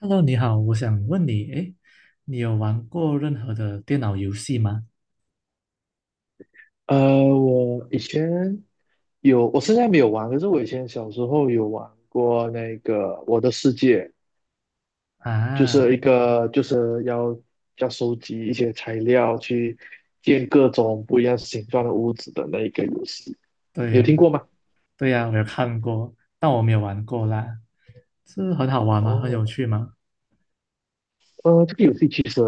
Hello，你好，我想问你，诶，你有玩过任何的电脑游戏吗？我以前有，我现在没有玩，可是我以前小时候有玩过那个《我的世界》，就啊，是一个就是要收集一些材料去建各种不一样形状的屋子的那一个游戏，你有对，听过吗？对呀，我有看过，但我没有玩过啦。是很好玩吗？很有哦，趣吗？这个游戏其实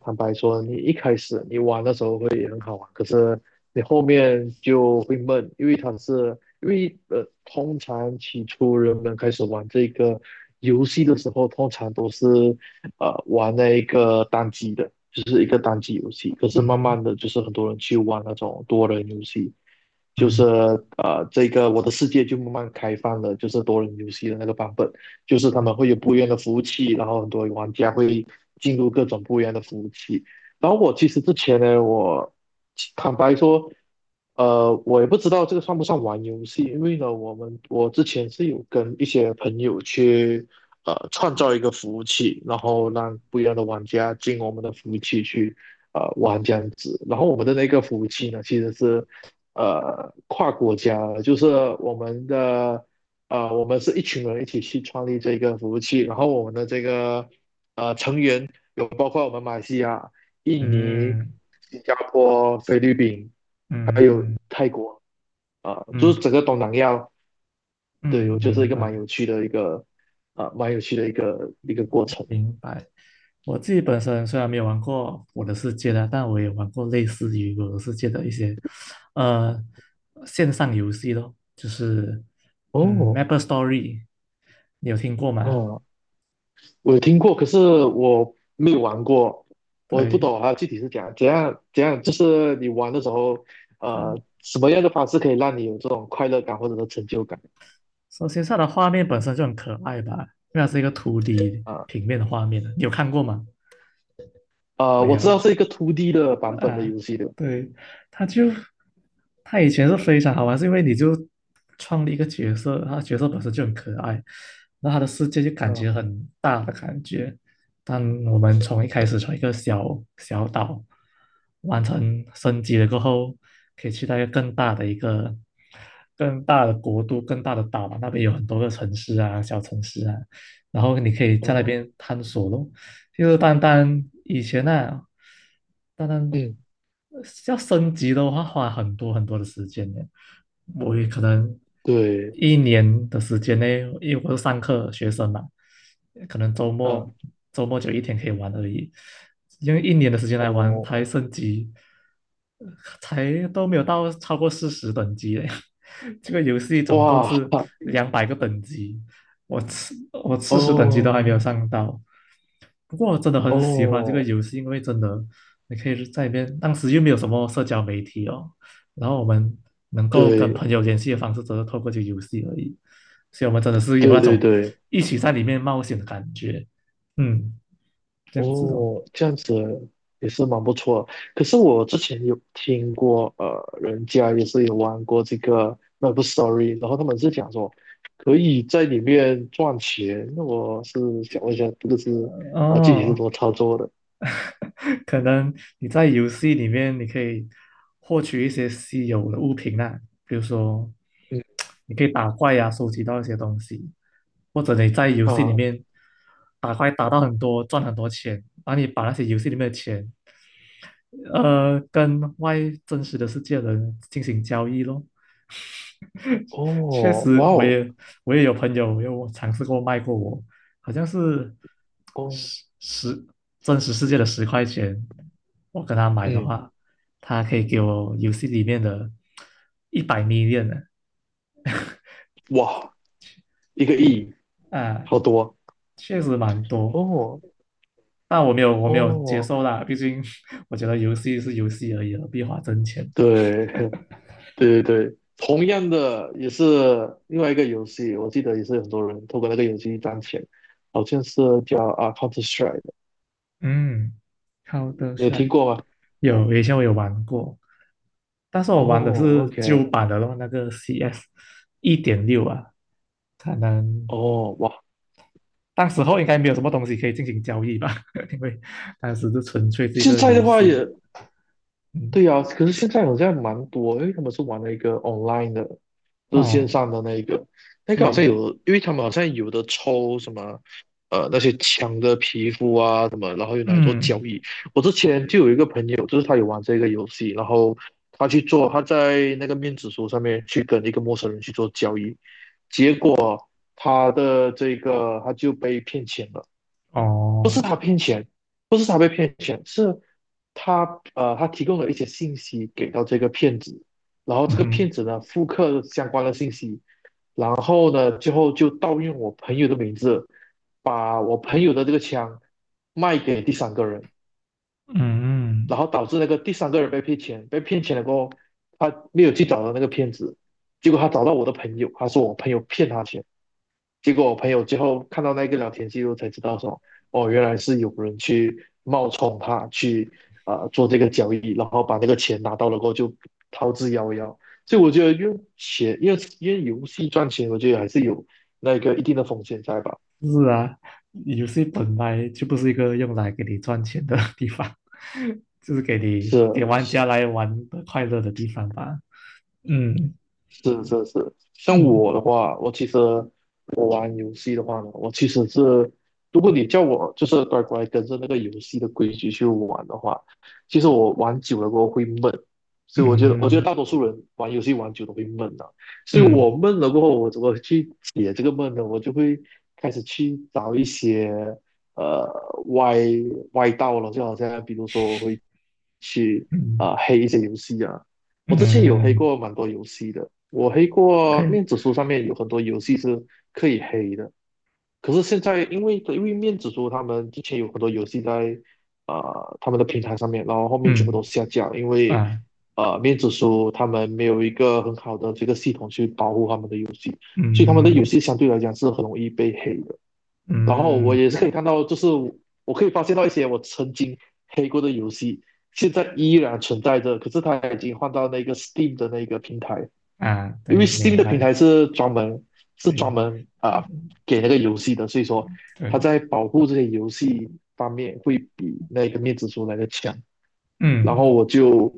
坦白说，你一开始你玩的时候会很好玩，可是你后面就会闷，因为通常起初人们开始玩这个游戏的时候，通常都是玩那一个单机的，就是一个单机游戏。可是嗯慢哼，慢的就是很多人去玩那种多人游戏，就嗯是这个我的世界就慢慢开放了，就是多人游戏的那个版本。就是他们嗯会有不一样的服务器，然后很多玩家会进入各种不一样的服务器。然后我其实之前呢，我坦白说，我也不知道这个算不算玩游戏，因为呢，我之前是有跟一些朋友去创造一个服务器，然后让不一样的玩家进我们的服务器去玩这样子。然后我们的那个服务器呢，其实是跨国家的，就是我们的啊，我们是一群人一起去创立这个服务器，然后我们的这个有包括我们马来西亚、印尼、嗯嗯新加坡、菲律宾，还有嗯泰国，啊、就是嗯，整个东南亚。对，嗯，我觉得是明一个蛮白。有趣的一个，啊、蛮有趣的一个过程。明白。我自己本身虽然没有玩过《我的世界》的，但我也玩过类似于《我的世界》的一些呃线上游戏咯，就是哦，Maple Story，你有听过吗？哦，我有听过，可是我没有玩过。我不对，懂啊，具体是怎样，怎样怎样，就是你玩的时候，它什么样的方式可以让你有这种快乐感或者是成就感？首先它的画面本身就很可爱吧，因为它是一个图 d 啊？平面的画面，你有看过吗？没我有知道啊，是一个 Two d 的版本的啊，游戏的。对，他就他以前是非常好玩，是因为你就创立一个角色，他角色本身就很可爱，然后他的世界就感嗯觉很大的感觉。但我们从一开始从一个小小岛完成升级了过后，可以去到一个更大的国度、更大的岛嘛，那边有很多个城市啊、小城市啊，然后你可以在那哦，边探索咯。就是单单以前那、啊，单单嗯，要升级的话，花很多很多的时间呢。我也可能对，一年的时间内，因为我是上课学生嘛，可能周嗯末周末就一天可以玩而已。用一年的时间来玩，才哦，升级，才都没有到超过40等级嘞。这个游戏总共哇，是200个等级，我四十等级都哦还没有上到，不过我真的很喜欢这个哦，游戏，因为真的你可以在里面，当时又没有什么社交媒体哦，然后我们能够跟对朋友联系的方式，只是透过这个游戏而已，所以我们真的是有那对对种对，一起在里面冒险的感觉，嗯，这样子哦，哦，这样子也是蛮不错的。可是我之前有听过，人家也是有玩过这个 l o v Story，然后他们是讲说可以在里面赚钱。那我是想问一下，这个是啊、具体是怎哦，么操作的？可能你在游戏里面你可以获取一些稀有的物品啊，比如说嗯你可以打怪呀、收集到一些东西，或者你在游戏里啊，面打怪打到很多，赚很多钱，然后你把那些游戏里面的钱，跟真实的世界的人进行交易咯。确哦，哇实，我哦，也我也有朋友有尝试过卖过我，好像是哦，十十真实世界的10块钱，我跟他买的嗯，话，他可以给我游戏里面的100 m i l 呢，哇，一个亿，啊，好多确实蛮多。哦但我没有接哦，受啦，毕竟 我觉得游戏是游戏而已，何必花真钱？对 对对对，同样的也是另外一个游戏，我记得也是很多人透过那个游戏赚钱，好像是叫啊 Counter Strike， 嗯，好的你有听帅，过吗？以前我有玩过，但是我玩的哦是旧，OK，版的咯，那个 CS 1.6啊，可能哦哇，当时候应该没有什么东西可以进行交易吧，因为当时就纯粹是一现个在游的话戏。也嗯，对呀，可是现在好像蛮多，因为他们是玩了一个 online 的，就是线哦，上的那一个。那个好像对，有，因为他们好像有的抽什么，那些枪的皮肤啊什么，然后又拿来做交嗯，易。我之前就有一个朋友，就是他有玩这个游戏，然后他去做，他在那个面子书上面去跟一个陌生人去做交易，结果他的这个他就被骗钱了，不是哦，他骗钱，不是他被骗钱，是他提供了一些信息给到这个骗子。然后嗯这个哼，骗子呢，复刻相关的信息，然后呢，最后就盗用我朋友的名字，把我朋友的这个枪卖给第三个人，然嗯。后导致那个第三个人被骗钱，被骗钱了过后，他没有去找到那个骗子，结果他找到我的朋友，他说我朋友骗他钱。结果我朋友最后看到那个聊天记录才知道说，哦，原来是有人去冒充他去啊、做这个交易，然后把那个钱拿到了过后就逃之夭夭。所以我觉得用钱，因为游戏赚钱，我觉得还是有那个一定的风险在吧？是啊，游戏本来就不是一个用来给你赚钱的 地方，就是给玩是家来玩的快乐的地方吧。嗯是是是，像嗯我的话，我其实我玩游戏的话呢，我其实是，如果你叫我就是乖乖跟着那个游戏的规矩去玩的话，其实我玩久了过后会闷。所以我觉得，我觉嗯得大多数人玩游戏玩久了会闷的、所以嗯我闷了过后，我怎么去解这个闷呢？我就会开始去找一些呃歪歪道了，就好像比如说我会去嗯啊、黑一些游戏啊。我之前有黑嗯过蛮多游戏的，我黑过，OK，面子书上面有很多游戏是可以黑的，可是现在因为面子书他们之前有很多游戏在他们的平台上面，然后后面全部嗯都下架了。因为啊面子书他们没有一个很好的这个系统去保护他们的游戏，所以他们的游嗯戏相对来讲是很容易被黑的。然后我嗯也是可以看到，就是我可以发现到一些我曾经黑过的游戏，现在依然存在着，可是它已经换到那个 Steam 的那个平台。啊，因为 对，Steam 明的平白，台是专门对啊嗯给那个游戏的，所以说它对，在保护这些游戏方面会比那个面子书来的强。然嗯。后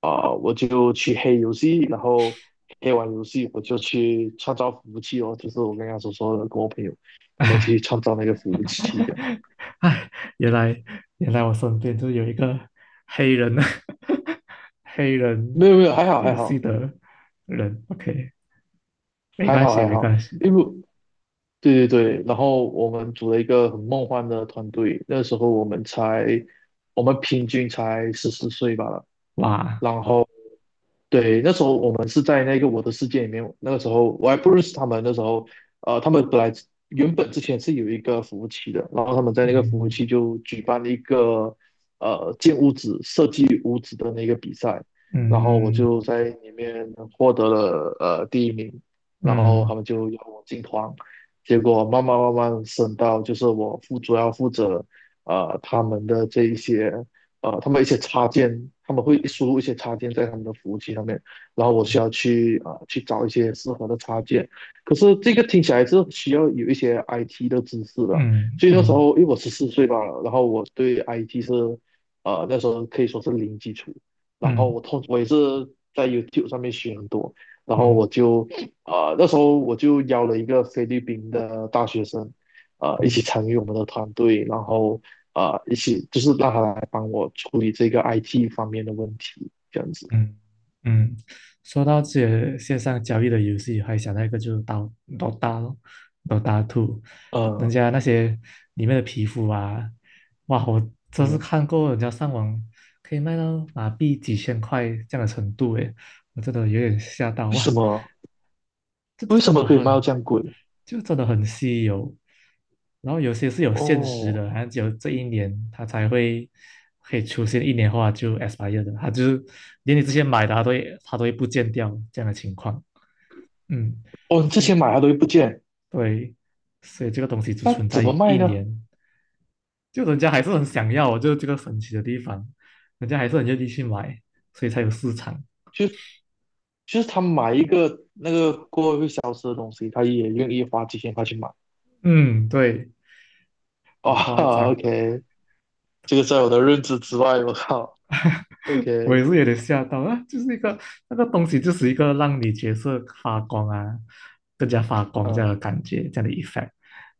啊、我就去黑游戏，然后黑完游戏我就去创造服务器哦，就是我刚刚所说的，跟我朋友我们一起 去创造那个 服务哈器这样。哈，哎，原来原来我身边就有一个黑人 黑人没有没有，还好游还戏好的人。OK，没还关好系，还没好，关系。因为对对对，然后我们组了一个很梦幻的团队。那时候我们平均才十四岁吧。哇，然后对，那时候我们是在那个我的世界里面。那个时候我还不认识他们，那时候他们原本之前是有一个服务器的，然后他们在那个服务嗯器就举办了一个建屋子、设计屋子的那个比赛，然后我嗯就在里面获得了第一名，然后他嗯们就邀我进团。结果慢慢慢慢升到就是我主要负责呃他们的这一些他们一些插件，他们会输入一些插件在他们的服务器上面，然后我需要啊、去找一些适合的插件。可是这个听起来是需要有一些 IT 的知识嗯的，嗯所以那时嗯候因为我十四岁吧，然后我对 IT 那时候可以说是零基础。然后嗯我也是在 YouTube 上面学很多，然后嗯那时候我就邀了一个菲律宾的大学生。一起嗯参与我们的团队，然后一起，就是让他来帮我处理这个 IT 方面的问题，这样子。嗯嗯，说到这些线上交易的游戏，还想到一个就是刀大咯，刀大 t 人呃，家那些里面的皮肤啊，哇，我真是嗯，看过人家上网可以卖到马币几千块这样的程度，诶，我真的有点吓到为什哇，么这为什真么的可以卖到很这样贵？就真的很稀有。然后有些是有限时的，哦，好像只有这一年它才会可以出现一年后它就 expire 的，它就是连你之前买的它都会不见掉这样的情况。嗯，哦，之前是，买它都会不见，对，所以这个东西只那存在怎么于卖一呢？年，就人家还是很想要，就是这个神奇的地方，人家还是很愿意去买，所以才有市场。就就是他买一个那个过后会消失的东西，他也愿意花几千块去买。嗯，对，很夸哇张。，OK，这个在我的认知之外，我靠我也，OK，是有点吓到啊，就是一个那个东西，就是一个让你角色发光啊，更加发光这样的嗯，感觉，这样的 effect，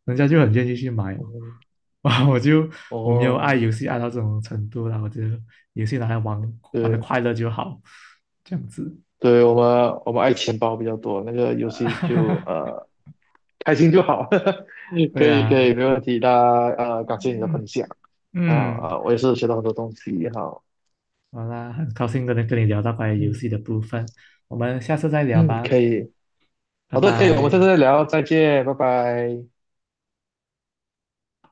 人家就很愿意去买哦。嗯，哇，我没有爱哦，游戏爱到这种程度啦，我觉得游戏拿来玩玩的对快乐就好，这样子。对，我们爱钱包比较多，那个游戏就 开心就好，可对以可以，啊，没问题。那感谢你的分嗯享啊嗯，嗯啊，我也是学到很多东西。好，好啦，很高兴跟你聊到关于游嗯戏的部分，我们下次再聊嗯，吧，可以，拜好的，可以，我们下拜。次再聊，再见，拜拜。